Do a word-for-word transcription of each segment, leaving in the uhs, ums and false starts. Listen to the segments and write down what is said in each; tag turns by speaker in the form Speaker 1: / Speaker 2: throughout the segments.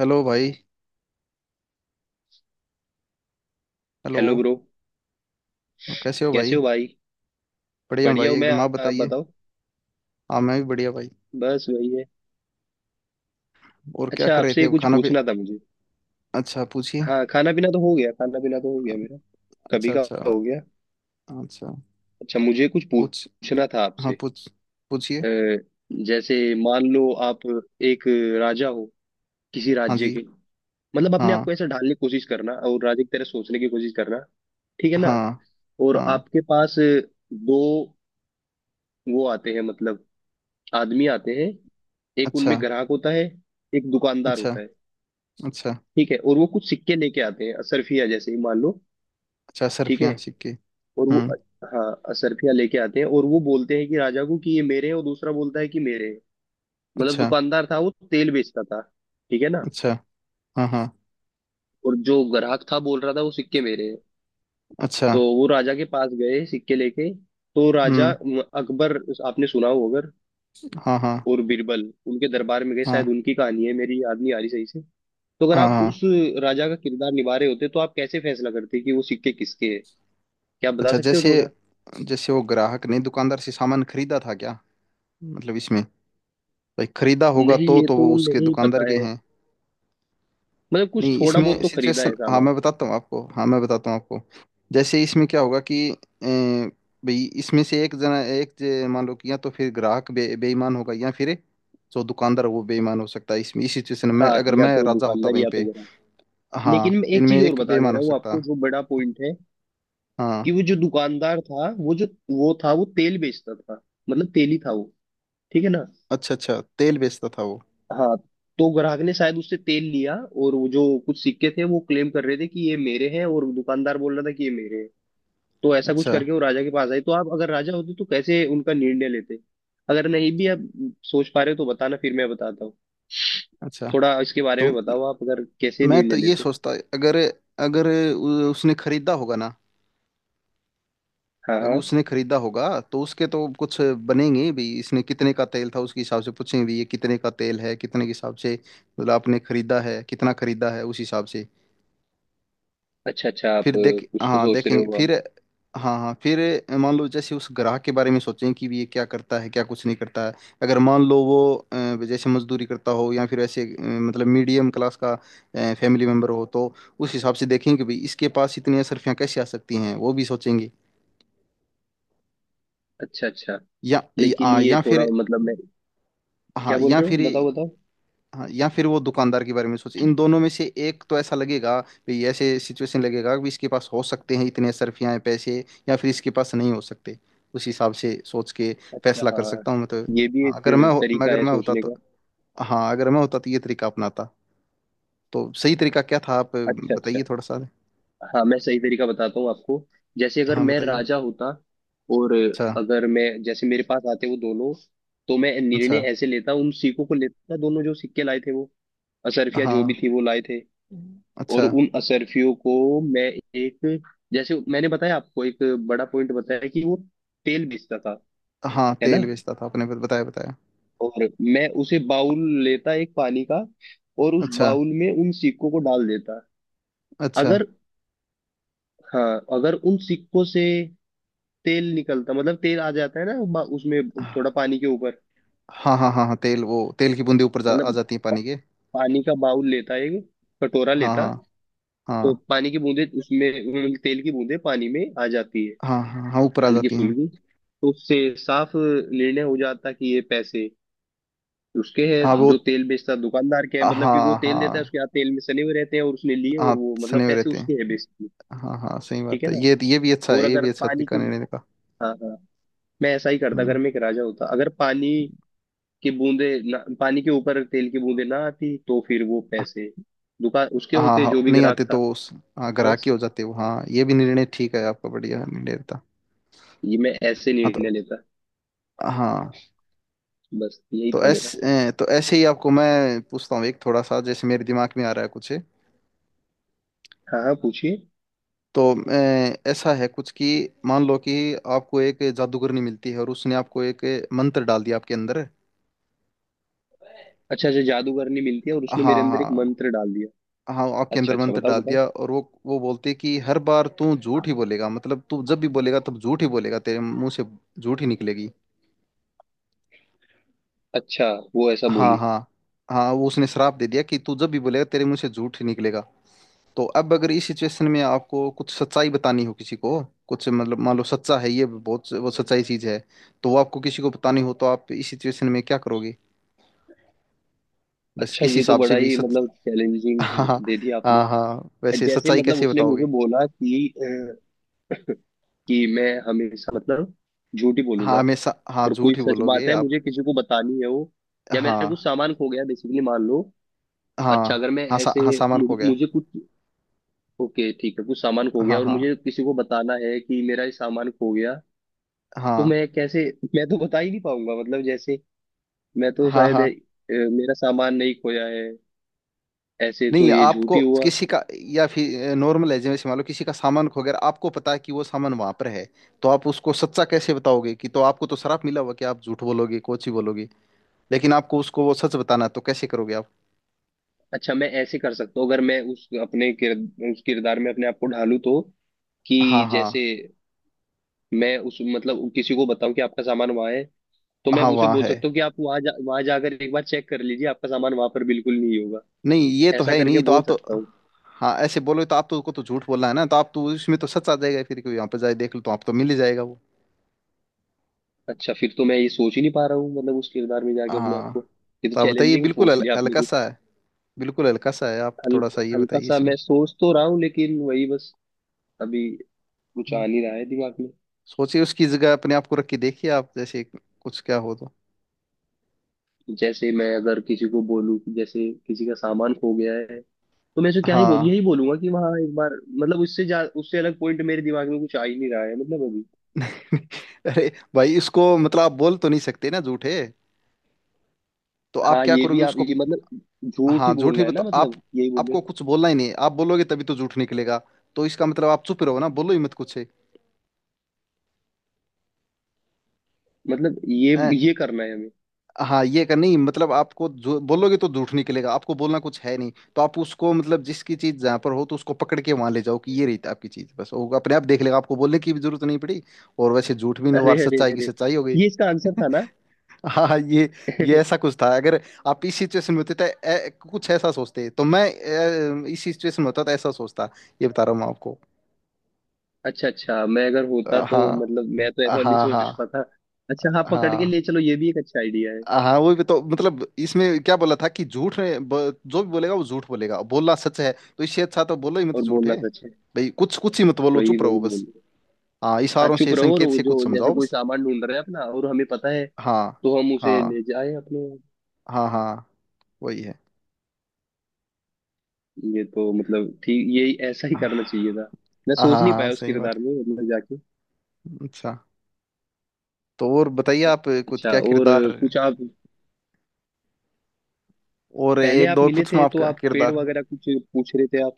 Speaker 1: Hello भाई। Hello.
Speaker 2: Hello bro.
Speaker 1: कैसे हो
Speaker 2: कैसे
Speaker 1: भाई?
Speaker 2: हो भाई?
Speaker 1: बढ़िया हूँ
Speaker 2: बढ़िया
Speaker 1: भाई
Speaker 2: हूँ मैं।
Speaker 1: एकदम। आप
Speaker 2: आप
Speaker 1: बताइए।
Speaker 2: बताओ।
Speaker 1: हाँ, मैं भी बढ़िया भाई।
Speaker 2: बस वही है।
Speaker 1: और क्या
Speaker 2: अच्छा,
Speaker 1: कर रहे थे?
Speaker 2: आपसे
Speaker 1: अब
Speaker 2: कुछ
Speaker 1: खाना पे।
Speaker 2: पूछना था मुझे।
Speaker 1: अच्छा, पूछिए।
Speaker 2: हाँ, खाना पीना तो हो गया, खाना पीना तो हो गया मेरा, कभी
Speaker 1: अच्छा।
Speaker 2: का
Speaker 1: अच्छा।
Speaker 2: हो गया।
Speaker 1: अच्छा,
Speaker 2: अच्छा, मुझे कुछ
Speaker 1: पूछ।
Speaker 2: पूछना था
Speaker 1: हाँ,
Speaker 2: आपसे।
Speaker 1: पूछ। पूछिए।
Speaker 2: अ, जैसे मान लो आप एक राजा हो किसी
Speaker 1: हाँ
Speaker 2: राज्य के।
Speaker 1: जी।
Speaker 2: मतलब अपने आप
Speaker 1: हाँ,
Speaker 2: को ऐसा ढालने की कोशिश करना और राजा की तरह सोचने की कोशिश करना। ठीक है ना?
Speaker 1: हाँ,
Speaker 2: और
Speaker 1: हाँ।
Speaker 2: आपके पास दो वो आते हैं, मतलब आदमी आते हैं। एक
Speaker 1: अच्छा।
Speaker 2: उनमें ग्राहक होता है, एक दुकानदार
Speaker 1: अच्छा।
Speaker 2: होता है।
Speaker 1: अच्छा।
Speaker 2: ठीक है। और वो कुछ सिक्के लेके आते हैं, असरफिया जैसे ही मान लो।
Speaker 1: अच्छा
Speaker 2: ठीक है।
Speaker 1: सरफियाँ सिक्के।
Speaker 2: और वो,
Speaker 1: हम्म।
Speaker 2: हाँ, असरफिया लेके आते हैं और वो बोलते हैं कि राजा को कि ये मेरे हैं और दूसरा बोलता है कि मेरे हैं। मतलब
Speaker 1: अच्छा।
Speaker 2: दुकानदार था, वो तेल बेचता था। ठीक है ना?
Speaker 1: अच्छा। हाँ, हाँ।
Speaker 2: और जो ग्राहक था बोल रहा था वो सिक्के मेरे हैं।
Speaker 1: अच्छा।
Speaker 2: तो वो राजा के पास गए सिक्के लेके। तो राजा
Speaker 1: हम्म।
Speaker 2: अम, अकबर, आपने सुना हो अगर,
Speaker 1: हाँ, हाँ,
Speaker 2: और बीरबल उनके दरबार में गए, शायद
Speaker 1: हाँ,
Speaker 2: उनकी कहानी है, मेरी याद नहीं आ रही सही से। तो अगर
Speaker 1: हाँ।
Speaker 2: आप
Speaker 1: हाँ
Speaker 2: उस राजा का किरदार निभा रहे होते तो आप कैसे फैसला करते कि वो सिक्के किसके हैं? क्या आप बता
Speaker 1: अच्छा।
Speaker 2: सकते हो
Speaker 1: जैसे
Speaker 2: थोड़ा?
Speaker 1: जैसे वो ग्राहक ने दुकानदार से सामान खरीदा था क्या? मतलब इसमें, भाई खरीदा होगा
Speaker 2: नहीं,
Speaker 1: तो
Speaker 2: ये
Speaker 1: तो वो
Speaker 2: तो
Speaker 1: उसके
Speaker 2: नहीं
Speaker 1: दुकानदार
Speaker 2: पता
Speaker 1: के
Speaker 2: है।
Speaker 1: हैं।
Speaker 2: मतलब कुछ
Speaker 1: नहीं,
Speaker 2: थोड़ा बहुत
Speaker 1: इसमें
Speaker 2: तो खरीदा
Speaker 1: सिचुएशन,
Speaker 2: है
Speaker 1: हाँ
Speaker 2: सामान।
Speaker 1: मैं बताता हूँ आपको, हाँ मैं बताता हूँ आपको जैसे इसमें क्या होगा कि अ, भाई इसमें से एक जना एक जे- मान लो कि या तो फिर ग्राहक बे, बेईमान होगा या फिर जो दुकानदार है वो बेईमान हो सकता है। इसमें इस सिचुएशन
Speaker 2: हाँ,
Speaker 1: में अगर
Speaker 2: या
Speaker 1: मैं
Speaker 2: तो
Speaker 1: राजा होता
Speaker 2: दुकानदार
Speaker 1: वहीं
Speaker 2: या तो
Speaker 1: पे।
Speaker 2: ग्राहक।
Speaker 1: हाँ,
Speaker 2: लेकिन मैं एक
Speaker 1: इनमें
Speaker 2: चीज और
Speaker 1: एक
Speaker 2: बता दे
Speaker 1: बेईमान हो
Speaker 2: रहा हूँ आपको
Speaker 1: सकता।
Speaker 2: जो बड़ा पॉइंट है, कि
Speaker 1: हाँ,
Speaker 2: वो जो दुकानदार था, वो जो वो था वो तेल बेचता था। मतलब तेली था वो। ठीक है ना?
Speaker 1: अच्छा। अच्छा तेल बेचता था वो।
Speaker 2: हाँ, तो ग्राहक ने शायद उससे तेल लिया और वो जो कुछ सिक्के थे वो क्लेम कर रहे थे कि ये मेरे हैं और दुकानदार बोल रहा था कि ये मेरे हैं। तो ऐसा कुछ
Speaker 1: अच्छा।
Speaker 2: करके वो राजा के पास आई, तो आप अगर राजा होते तो कैसे उनका निर्णय लेते? अगर नहीं भी आप सोच पा रहे हो तो बताना, फिर मैं बताता हूँ।
Speaker 1: अच्छा।
Speaker 2: थोड़ा इसके बारे
Speaker 1: तो
Speaker 2: में बताओ आप, अगर कैसे
Speaker 1: मैं तो
Speaker 2: निर्णय
Speaker 1: ये
Speaker 2: लेते।
Speaker 1: सोचता, अगर, अगर उ- उसने खरीदा होगा ना।
Speaker 2: हाँ
Speaker 1: अगर
Speaker 2: हाँ।
Speaker 1: उसने खरीदा होगा तो उसके तो कुछ बनेंगे भी। इसने कितने का तेल था उसके हिसाब से पूछेंगे भी, ये कितने का तेल है, कितने के हिसाब से। मतलब आपने खरीदा है, कितना खरीदा है, उस हिसाब से।
Speaker 2: अच्छा अच्छा, आप
Speaker 1: फिर
Speaker 2: अ,
Speaker 1: देख,
Speaker 2: कुछ तो
Speaker 1: हाँ
Speaker 2: सोच रहे
Speaker 1: देखेंगे
Speaker 2: हो आप।
Speaker 1: फिर। हाँ, हाँ फिर। मान लो, जैसे उस ग्राहक के बारे में सोचें कि भी ये क्या करता है, क्या कुछ नहीं करता है। अगर मान लो वो अ, जैसे मजदूरी करता हो या फिर ऐसे, अ, मतलब मीडियम क्लास का फैमिली मेम्बर हो, तो उस हिसाब से देखेंगे कि भाई इसके पास इतनी असरफियाँ कैसे आ सकती हैं, वो भी सोचेंगे।
Speaker 2: अच्छा अच्छा।
Speaker 1: या या,
Speaker 2: लेकिन
Speaker 1: आ,
Speaker 2: ये
Speaker 1: या
Speaker 2: थोड़ा
Speaker 1: फिर।
Speaker 2: मतलब मैं,
Speaker 1: हाँ।
Speaker 2: क्या बोल
Speaker 1: या
Speaker 2: रहे हो
Speaker 1: फिर
Speaker 2: बताओ बताओ।
Speaker 1: हाँ या फिर वो दुकानदार के बारे में सोच, इन दोनों में से एक तो ऐसा लगेगा भी, ऐसे सिचुएशन लगेगा कि इसके पास हो सकते हैं इतने सरफियाँ पैसे, या फिर इसके पास नहीं हो सकते। उस हिसाब से सोच के
Speaker 2: अच्छा
Speaker 1: फैसला कर
Speaker 2: हाँ,
Speaker 1: सकता हूँ मैं तो।
Speaker 2: ये भी
Speaker 1: हाँ,
Speaker 2: एक
Speaker 1: अगर मैं हो- मैं-
Speaker 2: तरीका
Speaker 1: अगर
Speaker 2: है
Speaker 1: मैं होता
Speaker 2: सोचने
Speaker 1: तो,
Speaker 2: का।
Speaker 1: हाँ अगर मैं होता तो ये तरीका अपनाता। तो सही तरीका क्या था, आप
Speaker 2: अच्छा अच्छा,
Speaker 1: बताइए थोड़ा सा।
Speaker 2: हाँ मैं सही तरीका बताता हूँ आपको। जैसे अगर
Speaker 1: हाँ,
Speaker 2: मैं
Speaker 1: बताइए।
Speaker 2: राजा होता, और
Speaker 1: अच्छा।
Speaker 2: अगर मैं, जैसे मेरे पास आते वो दोनों, तो मैं निर्णय
Speaker 1: अच्छा।
Speaker 2: ऐसे लेता, उन सिक्कों को लेता दोनों जो सिक्के लाए थे वो, असरफिया जो भी
Speaker 1: हाँ।
Speaker 2: थी वो लाए थे,
Speaker 1: हम्म। अच्छा।
Speaker 2: और उन असरफियों को मैं एक, जैसे मैंने बताया आपको एक बड़ा पॉइंट बताया कि वो तेल बेचता था,
Speaker 1: हाँ
Speaker 2: है ना?
Speaker 1: तेल बेचता था, आपने बताया बताया।
Speaker 2: और मैं उसे बाउल लेता एक पानी का, और उस
Speaker 1: अच्छा।
Speaker 2: बाउल में उन सिक्कों को डाल देता।
Speaker 1: अच्छा।
Speaker 2: अगर, हाँ अगर उन सिक्कों से तेल निकलता, मतलब तेल आ जाता है ना बा- उसमें, थोड़ा पानी के ऊपर।
Speaker 1: हाँ, हाँ, हाँ, हाँ तेल, वो तेल की बूंदे ऊपर जा, आ
Speaker 2: मतलब
Speaker 1: जाती है पानी के।
Speaker 2: पानी का बाउल लेता है एक, कटोरा
Speaker 1: हाँ,
Speaker 2: लेता है।
Speaker 1: हाँ,
Speaker 2: तो
Speaker 1: हाँ,
Speaker 2: पानी की बूंदे उसमें, मतलब तेल की बूंदे पानी में आ जाती है
Speaker 1: हाँ, हाँ, हाँ ऊपर आ
Speaker 2: हल्की
Speaker 1: जाती हैं।
Speaker 2: फुल्की। तो उससे साफ निर्णय हो जाता कि ये पैसे उसके हैं
Speaker 1: हाँ वो।
Speaker 2: जो तेल बेचता है, दुकानदार के है मतलब, क्योंकि वो
Speaker 1: हाँ,
Speaker 2: तेल देता है,
Speaker 1: हाँ,
Speaker 2: उसके हाथ तेल में सने हुए रहते हैं और उसने लिए, और
Speaker 1: हाँ
Speaker 2: वो मतलब
Speaker 1: सने हुए
Speaker 2: पैसे
Speaker 1: रहते हैं।
Speaker 2: उसके हैं बेसिकली।
Speaker 1: हाँ, हाँ सही
Speaker 2: ठीक
Speaker 1: बात
Speaker 2: है
Speaker 1: है,
Speaker 2: ना?
Speaker 1: ये ये भी अच्छा है,
Speaker 2: और
Speaker 1: ये भी
Speaker 2: अगर
Speaker 1: अच्छा
Speaker 2: पानी
Speaker 1: तरीका
Speaker 2: की,
Speaker 1: निर्णय का।
Speaker 2: हाँ हाँ, मैं ऐसा ही करता अगर
Speaker 1: हम्म।
Speaker 2: मैं एक राजा होता। अगर पानी कि बूंदे ना, पानी के ऊपर तेल की बूंदे ना आती, तो फिर वो पैसे दुकान उसके
Speaker 1: हाँ,
Speaker 2: होते
Speaker 1: हाँ
Speaker 2: जो भी
Speaker 1: नहीं
Speaker 2: ग्राहक
Speaker 1: आते
Speaker 2: था।
Speaker 1: तो उस- हाँ ग्राहकी
Speaker 2: बस
Speaker 1: हो जाते हो, हाँ ये भी निर्णय ठीक है, आपका बढ़िया निर्णय था।
Speaker 2: ये मैं ऐसे
Speaker 1: हाँ
Speaker 2: निर्णय
Speaker 1: तो,
Speaker 2: लेता।
Speaker 1: हाँ
Speaker 2: बस यही
Speaker 1: तो
Speaker 2: था मेरा।
Speaker 1: ऐसे तो ऐसे ही आपको मैं पूछता हूँ एक, थोड़ा सा जैसे मेरे दिमाग में आ रहा है कुछ।
Speaker 2: हाँ हाँ, पूछिए।
Speaker 1: तो अ, ऐसा है कुछ कि, मान लो कि आपको एक जादूगरनी मिलती है और उसने आपको एक मंत्र डाल दिया आपके अंदर।
Speaker 2: अच्छा अच्छा, जादूगरनी मिलती है और उसने मेरे
Speaker 1: हाँ,
Speaker 2: अंदर एक मंत्र
Speaker 1: हाँ।
Speaker 2: डाल दिया।
Speaker 1: हाँ आपके
Speaker 2: अच्छा
Speaker 1: अंदर
Speaker 2: अच्छा,
Speaker 1: मंत्र
Speaker 2: बताओ
Speaker 1: डाल
Speaker 2: बताओ।
Speaker 1: दिया और वो वो बोलती है कि हर बार तू झूठ ही बोलेगा, मतलब तू जब भी बोलेगा तब झूठ ही बोलेगा, तेरे मुंह से झूठ ही निकलेगी।
Speaker 2: अच्छा, वो ऐसा
Speaker 1: हाँ,
Speaker 2: बोली।
Speaker 1: हाँ। हाँ वो उसने श्राप दे दिया कि तू जब भी बोलेगा तेरे मुंह से झूठ ही निकलेगा। तो अब अगर इस सिचुएशन में आपको कुछ सच्चाई बतानी हो किसी को, कुछ मतलब मान लो सच्चा है ये बहुत, वो सच्चाई चीज है, तो वो आपको किसी को बतानी हो तो आप इस सिचुएशन में क्या करोगे? बस
Speaker 2: अच्छा
Speaker 1: किस
Speaker 2: ये तो
Speaker 1: हिसाब
Speaker 2: बड़ा
Speaker 1: से भी
Speaker 2: ही
Speaker 1: सच।
Speaker 2: मतलब चैलेंजिंग
Speaker 1: हाँ, हाँ।
Speaker 2: दे दिया आपने।
Speaker 1: हाँ, हाँ, वैसे
Speaker 2: जैसे
Speaker 1: सच्चाई
Speaker 2: मतलब
Speaker 1: कैसे
Speaker 2: उसने मुझे
Speaker 1: बताओगे?
Speaker 2: बोला कि अ, कि मैं हमेशा मतलब झूठी बोलूंगा,
Speaker 1: हाँ हमेशा, हाँ
Speaker 2: और कोई
Speaker 1: झूठ ही
Speaker 2: सच
Speaker 1: बोलोगे
Speaker 2: बात है
Speaker 1: आप।
Speaker 2: मुझे किसी को बतानी है वो, या मेरा कुछ
Speaker 1: हाँ,
Speaker 2: सामान खो गया बेसिकली मान लो। अच्छा
Speaker 1: हाँ।
Speaker 2: अगर मैं
Speaker 1: हाँ सा,
Speaker 2: ऐसे
Speaker 1: हाँ सामान
Speaker 2: मुझे,
Speaker 1: खो गया।
Speaker 2: मुझे कुछ, ओके ठीक है, कुछ सामान खो गया
Speaker 1: हाँ,
Speaker 2: और
Speaker 1: हाँ।
Speaker 2: मुझे किसी को बताना है कि मेरा ये सामान खो गया, तो
Speaker 1: हाँ,
Speaker 2: मैं कैसे? मैं तो बता ही नहीं पाऊंगा मतलब। जैसे मैं तो
Speaker 1: हाँ।
Speaker 2: शायद अ,
Speaker 1: हाँ,
Speaker 2: मेरा सामान नहीं खोया है, ऐसे तो
Speaker 1: नहीं
Speaker 2: ये झूठ
Speaker 1: आपको
Speaker 2: ही हुआ।
Speaker 1: किसी का, या फिर नॉर्मल है, जैसे मान लो किसी का सामान खो गया, आपको पता है कि वो सामान वहां पर है, तो आप उसको सच्चा कैसे बताओगे कि? तो आपको तो शराप मिला हुआ कि आप झूठ बोलोगे, कोची बोलोगे, लेकिन आपको उसको वो सच बताना है, तो कैसे करोगे आप?
Speaker 2: अच्छा मैं ऐसे कर सकता हूँ, अगर मैं उस अपने किर, उस किरदार में अपने आप को ढालूं तो,
Speaker 1: हाँ,
Speaker 2: कि
Speaker 1: हाँ।
Speaker 2: जैसे मैं उस मतलब किसी को बताऊं कि आपका सामान वहां है, तो मैं
Speaker 1: हाँ
Speaker 2: उसे
Speaker 1: वहाँ
Speaker 2: बोल
Speaker 1: है,
Speaker 2: सकता हूँ कि आप वहां जा, वहां जाकर एक बार चेक कर लीजिए, आपका सामान वहां पर बिल्कुल नहीं होगा।
Speaker 1: नहीं ये तो
Speaker 2: ऐसा
Speaker 1: है ही
Speaker 2: करके
Speaker 1: नहीं तो
Speaker 2: बोल
Speaker 1: आप तो।
Speaker 2: सकता हूँ।
Speaker 1: हाँ ऐसे बोलोगे तो आप तो उसको तो झूठ बोलना है ना, तो आप तो उसमें तो सच आ जाएगा, फिर कोई यहाँ पर जाए देख लो तो आप तो मिल ही जाएगा वो।
Speaker 2: अच्छा फिर तो मैं ये सोच ही नहीं पा रहा हूँ मतलब, उस किरदार में जाके अपने आप
Speaker 1: हाँ
Speaker 2: को। ये तो
Speaker 1: तो आप बताइए,
Speaker 2: चैलेंजिंग
Speaker 1: बिल्कुल
Speaker 2: पूछ
Speaker 1: हल-
Speaker 2: लिया आपने
Speaker 1: हल्का
Speaker 2: कुछ।
Speaker 1: सा है, बिल्कुल हल्का सा है। आप
Speaker 2: हल,
Speaker 1: थोड़ा सा ये
Speaker 2: हल्का
Speaker 1: बताइए
Speaker 2: सा
Speaker 1: इसमें।
Speaker 2: मैं सोच तो रहा हूँ लेकिन वही बस, अभी कुछ आ
Speaker 1: हाँ।
Speaker 2: नहीं रहा है दिमाग में।
Speaker 1: सोचिए उसकी जगह अपने आप को रख के देखिए, आप जैसे कुछ क्या हो तो।
Speaker 2: जैसे मैं अगर किसी को बोलूँ कि जैसे किसी का सामान खो गया है, तो मैं उसे क्या ही बोल,
Speaker 1: हाँ।
Speaker 2: यही बोलूंगा कि वहां एक बार, मतलब उससे जा उससे अलग पॉइंट मेरे दिमाग में कुछ आ ही नहीं रहा है मतलब अभी।
Speaker 1: अरे भाई इसको मतलब आप बोल तो नहीं सकते ना, झूठ है, तो आप
Speaker 2: हाँ
Speaker 1: क्या
Speaker 2: ये भी
Speaker 1: करोगे
Speaker 2: आप
Speaker 1: उसको?
Speaker 2: ये मतलब, झूठ ही
Speaker 1: हाँ, झूठ
Speaker 2: बोलना
Speaker 1: ही
Speaker 2: है ना
Speaker 1: तो आप,
Speaker 2: मतलब यही बोले।
Speaker 1: आपको कुछ बोलना ही नहीं है। आप बोलोगे तभी तो झूठ निकलेगा। तो इसका मतलब आप चुप रहो, ना बोलो ही मत कुछ है।
Speaker 2: मतलब ये
Speaker 1: हैं?
Speaker 2: ये करना है हमें?
Speaker 1: हाँ, ये कर नहीं, मतलब आपको जो बोलोगे तो झूठ निकलेगा, आपको बोलना कुछ है नहीं, तो आप उसको, मतलब जिसकी चीज जहाँ पर हो तो उसको पकड़ के वहां ले जाओ कि ये रही थी आपकी चीज, बस वो अपने आप देख लेगा, आपको बोलने की भी जरूरत नहीं पड़ी, और वैसे झूठ भी नहीं हुआ,
Speaker 2: अरे
Speaker 1: और
Speaker 2: अरे
Speaker 1: सच्चाई की
Speaker 2: अरे,
Speaker 1: सच्चाई हो गई।
Speaker 2: ये इसका आंसर था ना!
Speaker 1: हाँ, हाँ ये ये ऐसा कुछ था। अगर आप इस सिचुएशन में होते तो ए, कुछ ऐसा सोचते, तो मैं ए, इस सिचुएशन में होता तो ऐसा सोचता, ये बता रहा हूँ मैं आपको।
Speaker 2: अच्छा अच्छा, मैं अगर होता
Speaker 1: अ,
Speaker 2: तो
Speaker 1: हाँ,
Speaker 2: मतलब मैं तो ऐसा नहीं
Speaker 1: हाँ, हाँ,
Speaker 2: सोच पाता। अच्छा हाँ, पकड़ के
Speaker 1: हाँ।
Speaker 2: ले चलो, ये भी एक अच्छा आइडिया है।
Speaker 1: हाँ वही तो, मतलब इसमें क्या बोला था कि झूठ है, ब- जो भी बोलेगा वो झूठ बोलेगा, बोलना सच है, तो इससे अच्छा तो बोलो ही मत
Speaker 2: और
Speaker 1: झूठ
Speaker 2: बोलना
Speaker 1: है,
Speaker 2: सच है।
Speaker 1: भाई कुछ कुछ ही मत बोलो,
Speaker 2: वही
Speaker 1: चुप
Speaker 2: वही
Speaker 1: रहो बस।
Speaker 2: बोल।
Speaker 1: हाँ,
Speaker 2: हाँ
Speaker 1: इशारों
Speaker 2: चुप
Speaker 1: से,
Speaker 2: रहो, और
Speaker 1: संकेत
Speaker 2: वो
Speaker 1: से कुछ
Speaker 2: जो जैसे
Speaker 1: समझाओ
Speaker 2: कोई
Speaker 1: बस।
Speaker 2: सामान ढूंढ रहा है अपना और हमें पता है,
Speaker 1: हाँ,
Speaker 2: तो हम उसे
Speaker 1: हाँ,
Speaker 2: ले जाए अपने।
Speaker 1: हाँ, हाँ वही है।
Speaker 2: ये तो मतलब ठीक, यही ऐसा ही
Speaker 1: हाँ,
Speaker 2: करना चाहिए था। मैं
Speaker 1: हाँ,
Speaker 2: सोच नहीं
Speaker 1: हाँ,
Speaker 2: पाया उस
Speaker 1: सही बात।
Speaker 2: किरदार में मतलब जाके।
Speaker 1: अच्छा, तो और बताइए आप, कुछ
Speaker 2: अच्छा
Speaker 1: क्या
Speaker 2: और
Speaker 1: किरदार
Speaker 2: कुछ आप,
Speaker 1: और,
Speaker 2: पहले
Speaker 1: एक
Speaker 2: आप
Speaker 1: दो और
Speaker 2: मिले
Speaker 1: पूछूं
Speaker 2: थे तो
Speaker 1: आपका
Speaker 2: आप पेड़
Speaker 1: किरदार।
Speaker 2: वगैरह कुछ पूछ रहे थे आप।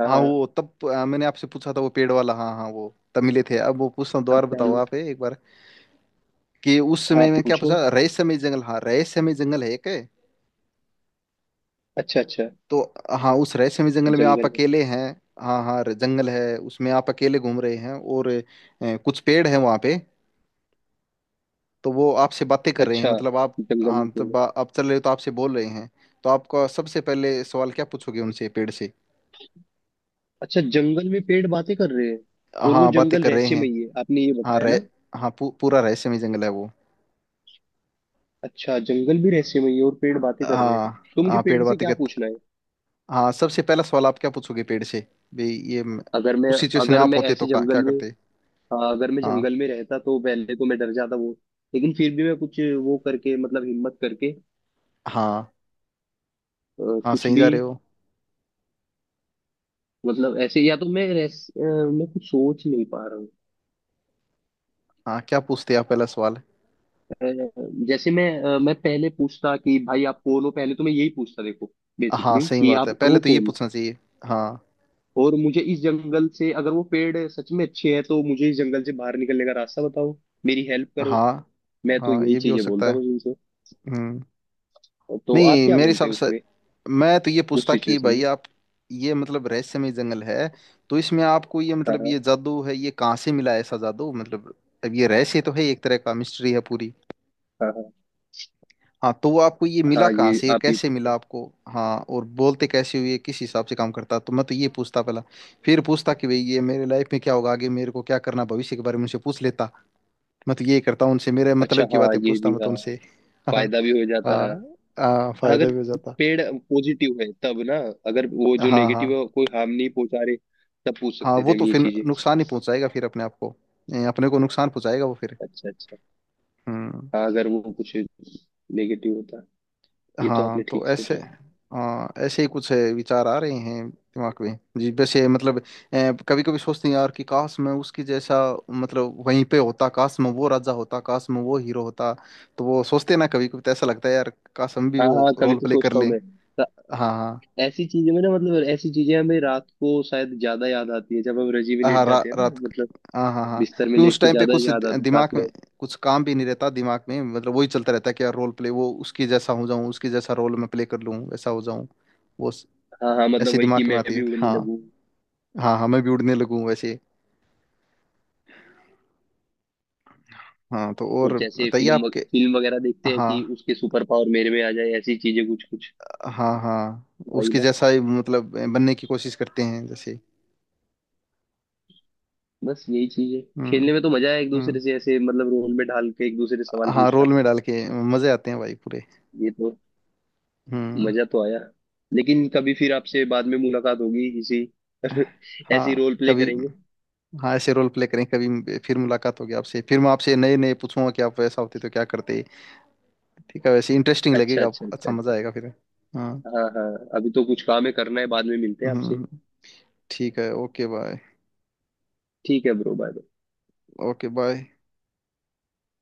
Speaker 2: हाँ
Speaker 1: हाँ
Speaker 2: हाँ।
Speaker 1: वो तब आ, मैंने आपसे पूछा था वो पेड़ वाला, हाँ हाँ वो तब मिले थे, अब वो पूछता हूँ
Speaker 2: आप
Speaker 1: दोबारा, बताओ
Speaker 2: पहले,
Speaker 1: आप एक बार कि उस
Speaker 2: हाँ
Speaker 1: समय में क्या
Speaker 2: पूछो।
Speaker 1: पूछा, रहस्यमय जंगल, हाँ रहस्यमय जंगल है क्या।
Speaker 2: अच्छा अच्छा,
Speaker 1: तो, हाँ उस रहस्यमय जंगल में आप
Speaker 2: जंगल है।
Speaker 1: अकेले हैं, हाँ हाँ जंगल है उसमें आप अकेले घूम रहे हैं, और अ, कुछ पेड़ हैं वहाँ पे, तो वो आपसे बातें कर रहे हैं,
Speaker 2: अच्छा,
Speaker 1: मतलब आप,
Speaker 2: जंगल में
Speaker 1: हाँ तो
Speaker 2: पेड़ है।
Speaker 1: बा- आप चल रहे हो तो आपसे बोल रहे हैं, तो आपका सबसे पहले सवाल क्या पूछोगे उनसे, पेड़ से?
Speaker 2: अच्छा, जंगल में पेड़ बातें कर रहे हैं और वो
Speaker 1: हाँ, बातें
Speaker 2: जंगल
Speaker 1: कर रहे हैं।
Speaker 2: रहस्यमयी है, आपने ये
Speaker 1: हाँ
Speaker 2: बताया
Speaker 1: रह
Speaker 2: ना?
Speaker 1: हाँ पू, पूरा रहस्यमय जंगल है वो।
Speaker 2: अच्छा, जंगल भी रहस्यमयी है और पेड़ बातें कर रहे हैं,
Speaker 1: हाँ,
Speaker 2: तो मुझे
Speaker 1: हाँ पेड़
Speaker 2: पेड़ से
Speaker 1: बातें
Speaker 2: क्या
Speaker 1: कर।
Speaker 2: पूछना है?
Speaker 1: हाँ सबसे पहला सवाल आप क्या पूछोगे पेड़ से? भाई ये म-
Speaker 2: अगर मैं,
Speaker 1: उस सिचुएशन में
Speaker 2: अगर
Speaker 1: आप
Speaker 2: मैं
Speaker 1: होते तो
Speaker 2: ऐसे
Speaker 1: का- क्या
Speaker 2: जंगल में,
Speaker 1: करते?
Speaker 2: हाँ अगर मैं
Speaker 1: हाँ,
Speaker 2: जंगल में रहता तो पहले तो मैं डर जाता वो, लेकिन फिर भी मैं कुछ वो करके मतलब हिम्मत करके,
Speaker 1: हाँ,
Speaker 2: अ,
Speaker 1: हाँ
Speaker 2: कुछ
Speaker 1: सही
Speaker 2: भी,
Speaker 1: जा रहे हो।
Speaker 2: मतलब ऐसे या तो मैं रेस अ, मैं कुछ सोच नहीं पा रहा हूँ।
Speaker 1: हाँ क्या पूछते आप पहला सवाल?
Speaker 2: अ, जैसे मैं अ, मैं पहले पूछता कि भाई आप कौन हो, पहले तो मैं यही पूछता देखो
Speaker 1: हाँ
Speaker 2: बेसिकली,
Speaker 1: सही
Speaker 2: कि
Speaker 1: बात
Speaker 2: आप
Speaker 1: है, पहले
Speaker 2: हो
Speaker 1: तो ये
Speaker 2: कौन।
Speaker 1: पूछना चाहिए। हाँ,
Speaker 2: और मुझे इस जंगल से, अगर वो पेड़ सच में अच्छे हैं तो मुझे इस जंगल से बाहर निकलने का रास्ता बताओ, मेरी हेल्प करो।
Speaker 1: हाँ।
Speaker 2: मैं तो
Speaker 1: हाँ
Speaker 2: यही
Speaker 1: ये भी हो
Speaker 2: चीजें
Speaker 1: सकता
Speaker 2: बोलता
Speaker 1: है।
Speaker 2: बस उनसे।
Speaker 1: हम्म।
Speaker 2: तो आप
Speaker 1: नहीं
Speaker 2: क्या
Speaker 1: मेरे
Speaker 2: बोलते
Speaker 1: हिसाब
Speaker 2: हैं
Speaker 1: से,
Speaker 2: उसमें,
Speaker 1: मैं तो ये
Speaker 2: उस
Speaker 1: पूछता कि
Speaker 2: सिचुएशन
Speaker 1: भाई
Speaker 2: में?
Speaker 1: आप, ये मतलब रहस्यमय जंगल है, तो इसमें आपको ये, मतलब
Speaker 2: हाँ
Speaker 1: ये जादू है, ये कहाँ से मिला, ऐसा जादू मतलब, अब ये रहस्य तो है, एक तरह का मिस्ट्री है पूरी।
Speaker 2: हाँ हाँ हाँ।
Speaker 1: हाँ तो वो, आपको ये मिला
Speaker 2: हाँ,
Speaker 1: कहाँ
Speaker 2: ये
Speaker 1: से, ये
Speaker 2: आप ये।
Speaker 1: कैसे मिला आपको, हाँ और बोलते कैसे हुए, किस हिसाब से काम करता, तो मैं तो ये पूछता पहला, फिर पूछता कि भाई ये मेरे लाइफ में क्या होगा आगे, मेरे को क्या करना, भविष्य के बारे में उनसे पूछ लेता। मैं तो यही करता हूँ उनसे, मेरे
Speaker 2: अच्छा
Speaker 1: मतलब की
Speaker 2: हाँ,
Speaker 1: बातें
Speaker 2: ये
Speaker 1: पूछता
Speaker 2: भी
Speaker 1: मैं
Speaker 2: हाँ,
Speaker 1: तो उनसे। हाँ,
Speaker 2: फायदा भी हो जाता
Speaker 1: हाँ,
Speaker 2: है।
Speaker 1: हाँ, फायदा
Speaker 2: अगर
Speaker 1: भी हो जाता।
Speaker 2: पेड़ पॉजिटिव है तब ना, अगर वो जो
Speaker 1: हाँ,
Speaker 2: नेगेटिव
Speaker 1: हाँ।
Speaker 2: है, कोई हार्म नहीं पहुंचा रहे, तब पूछ
Speaker 1: हाँ
Speaker 2: सकते थे
Speaker 1: वो
Speaker 2: हम
Speaker 1: तो
Speaker 2: ये
Speaker 1: फिर
Speaker 2: चीजें।
Speaker 1: नुकसान ही पहुंचाएगा फिर अपने आप को, ए, अपने को नुकसान पहुंचाएगा वो फिर।
Speaker 2: अच्छा अच्छा,
Speaker 1: हम्म।
Speaker 2: हाँ अगर वो कुछ नेगेटिव होता। ये तो
Speaker 1: हाँ
Speaker 2: आपने
Speaker 1: तो
Speaker 2: ठीक
Speaker 1: ऐसे,
Speaker 2: सोचा।
Speaker 1: हाँ ऐसे ही कुछ ए, विचार आ रहे हैं दिमाग में जी, वैसे मतलब कभी कभी सोचते हैं यार कि काश मैं उसकी जैसा, मतलब वहीं पे होता, काश मैं वो राजा होता, काश मैं वो हीरो होता, तो वो सोचते हैं ना कभी कभी, तो ऐसा लगता है यार, काश हम भी
Speaker 2: हाँ
Speaker 1: वो
Speaker 2: हाँ, कभी
Speaker 1: रोल
Speaker 2: तो
Speaker 1: प्ले कर
Speaker 2: सोचता हूँ
Speaker 1: लें।
Speaker 2: मैं तो,
Speaker 1: हाँ, हाँ।
Speaker 2: ऐसी चीजें में ना मतलब, ऐसी चीजें हमें रात को शायद ज्यादा याद आती है जब हम रजी में लेट
Speaker 1: हाँ रा,
Speaker 2: जाते हैं ना
Speaker 1: रात,
Speaker 2: मतलब,
Speaker 1: हाँ, हाँ, हाँ।
Speaker 2: बिस्तर में
Speaker 1: क्यों उस
Speaker 2: लेट के
Speaker 1: टाइम पे
Speaker 2: ज्यादा
Speaker 1: कुछ
Speaker 2: याद
Speaker 1: दि-
Speaker 2: आती है
Speaker 1: दिमाग
Speaker 2: पास में।
Speaker 1: में कुछ काम भी नहीं रहता दिमाग में, मतलब वही चलता रहता है कि यार रोल प्ले वो, उसके जैसा हो जाऊं, उसके जैसा रोल मैं प्ले कर लूं, वैसा हो जाऊं। वो स-
Speaker 2: हाँ हाँ मतलब
Speaker 1: ऐसे
Speaker 2: वही, कि
Speaker 1: दिमाग में
Speaker 2: मैं
Speaker 1: आती
Speaker 2: भी
Speaker 1: है
Speaker 2: उड़ने
Speaker 1: हाँ।
Speaker 2: लगूं।
Speaker 1: हाँ, हाँ मैं भी उड़ने लगूं वैसे। हाँ, तो
Speaker 2: और
Speaker 1: और
Speaker 2: जैसे
Speaker 1: बताइए
Speaker 2: फिल्म
Speaker 1: आपके।
Speaker 2: फिल्म वगैरह देखते हैं
Speaker 1: हाँ,
Speaker 2: कि उसके सुपर पावर मेरे में आ जाए, ऐसी चीजें कुछ कुछ,
Speaker 1: हाँ। हाँ
Speaker 2: वही
Speaker 1: उसके
Speaker 2: ना।
Speaker 1: जैसा ही मतलब बनने की कोशिश करते हैं जैसे।
Speaker 2: बस यही चीज है,
Speaker 1: हम्म।
Speaker 2: खेलने में तो मजा आया एक दूसरे
Speaker 1: हम्म।
Speaker 2: से ऐसे मतलब रोल में ढाल के एक दूसरे से सवाल
Speaker 1: हाँ
Speaker 2: पूछना।
Speaker 1: रोल में डाल के मजे आते हैं भाई पूरे।
Speaker 2: ये तो
Speaker 1: हम्म।
Speaker 2: मजा तो आया, लेकिन कभी फिर आपसे बाद में मुलाकात होगी किसी, ऐसी
Speaker 1: हाँ
Speaker 2: रोल प्ले
Speaker 1: कभी।
Speaker 2: करेंगे।
Speaker 1: हाँ ऐसे रोल प्ले करें, कभी फिर मुलाकात होगी आपसे, फिर मैं आपसे नए नए पूछूंगा कि आप वैसा होते तो क्या करते। ठीक है, वैसे इंटरेस्टिंग
Speaker 2: अच्छा
Speaker 1: लगेगा
Speaker 2: अच्छा
Speaker 1: आपको,
Speaker 2: अच्छा।
Speaker 1: अच्छा मजा आएगा फिर। हाँ।
Speaker 2: हाँ हाँ, अभी तो कुछ काम है करना है, बाद में मिलते हैं आपसे।
Speaker 1: हम्म। ठीक है, ओके बाय।
Speaker 2: ठीक है ब्रो, बाय।
Speaker 1: Okay bye.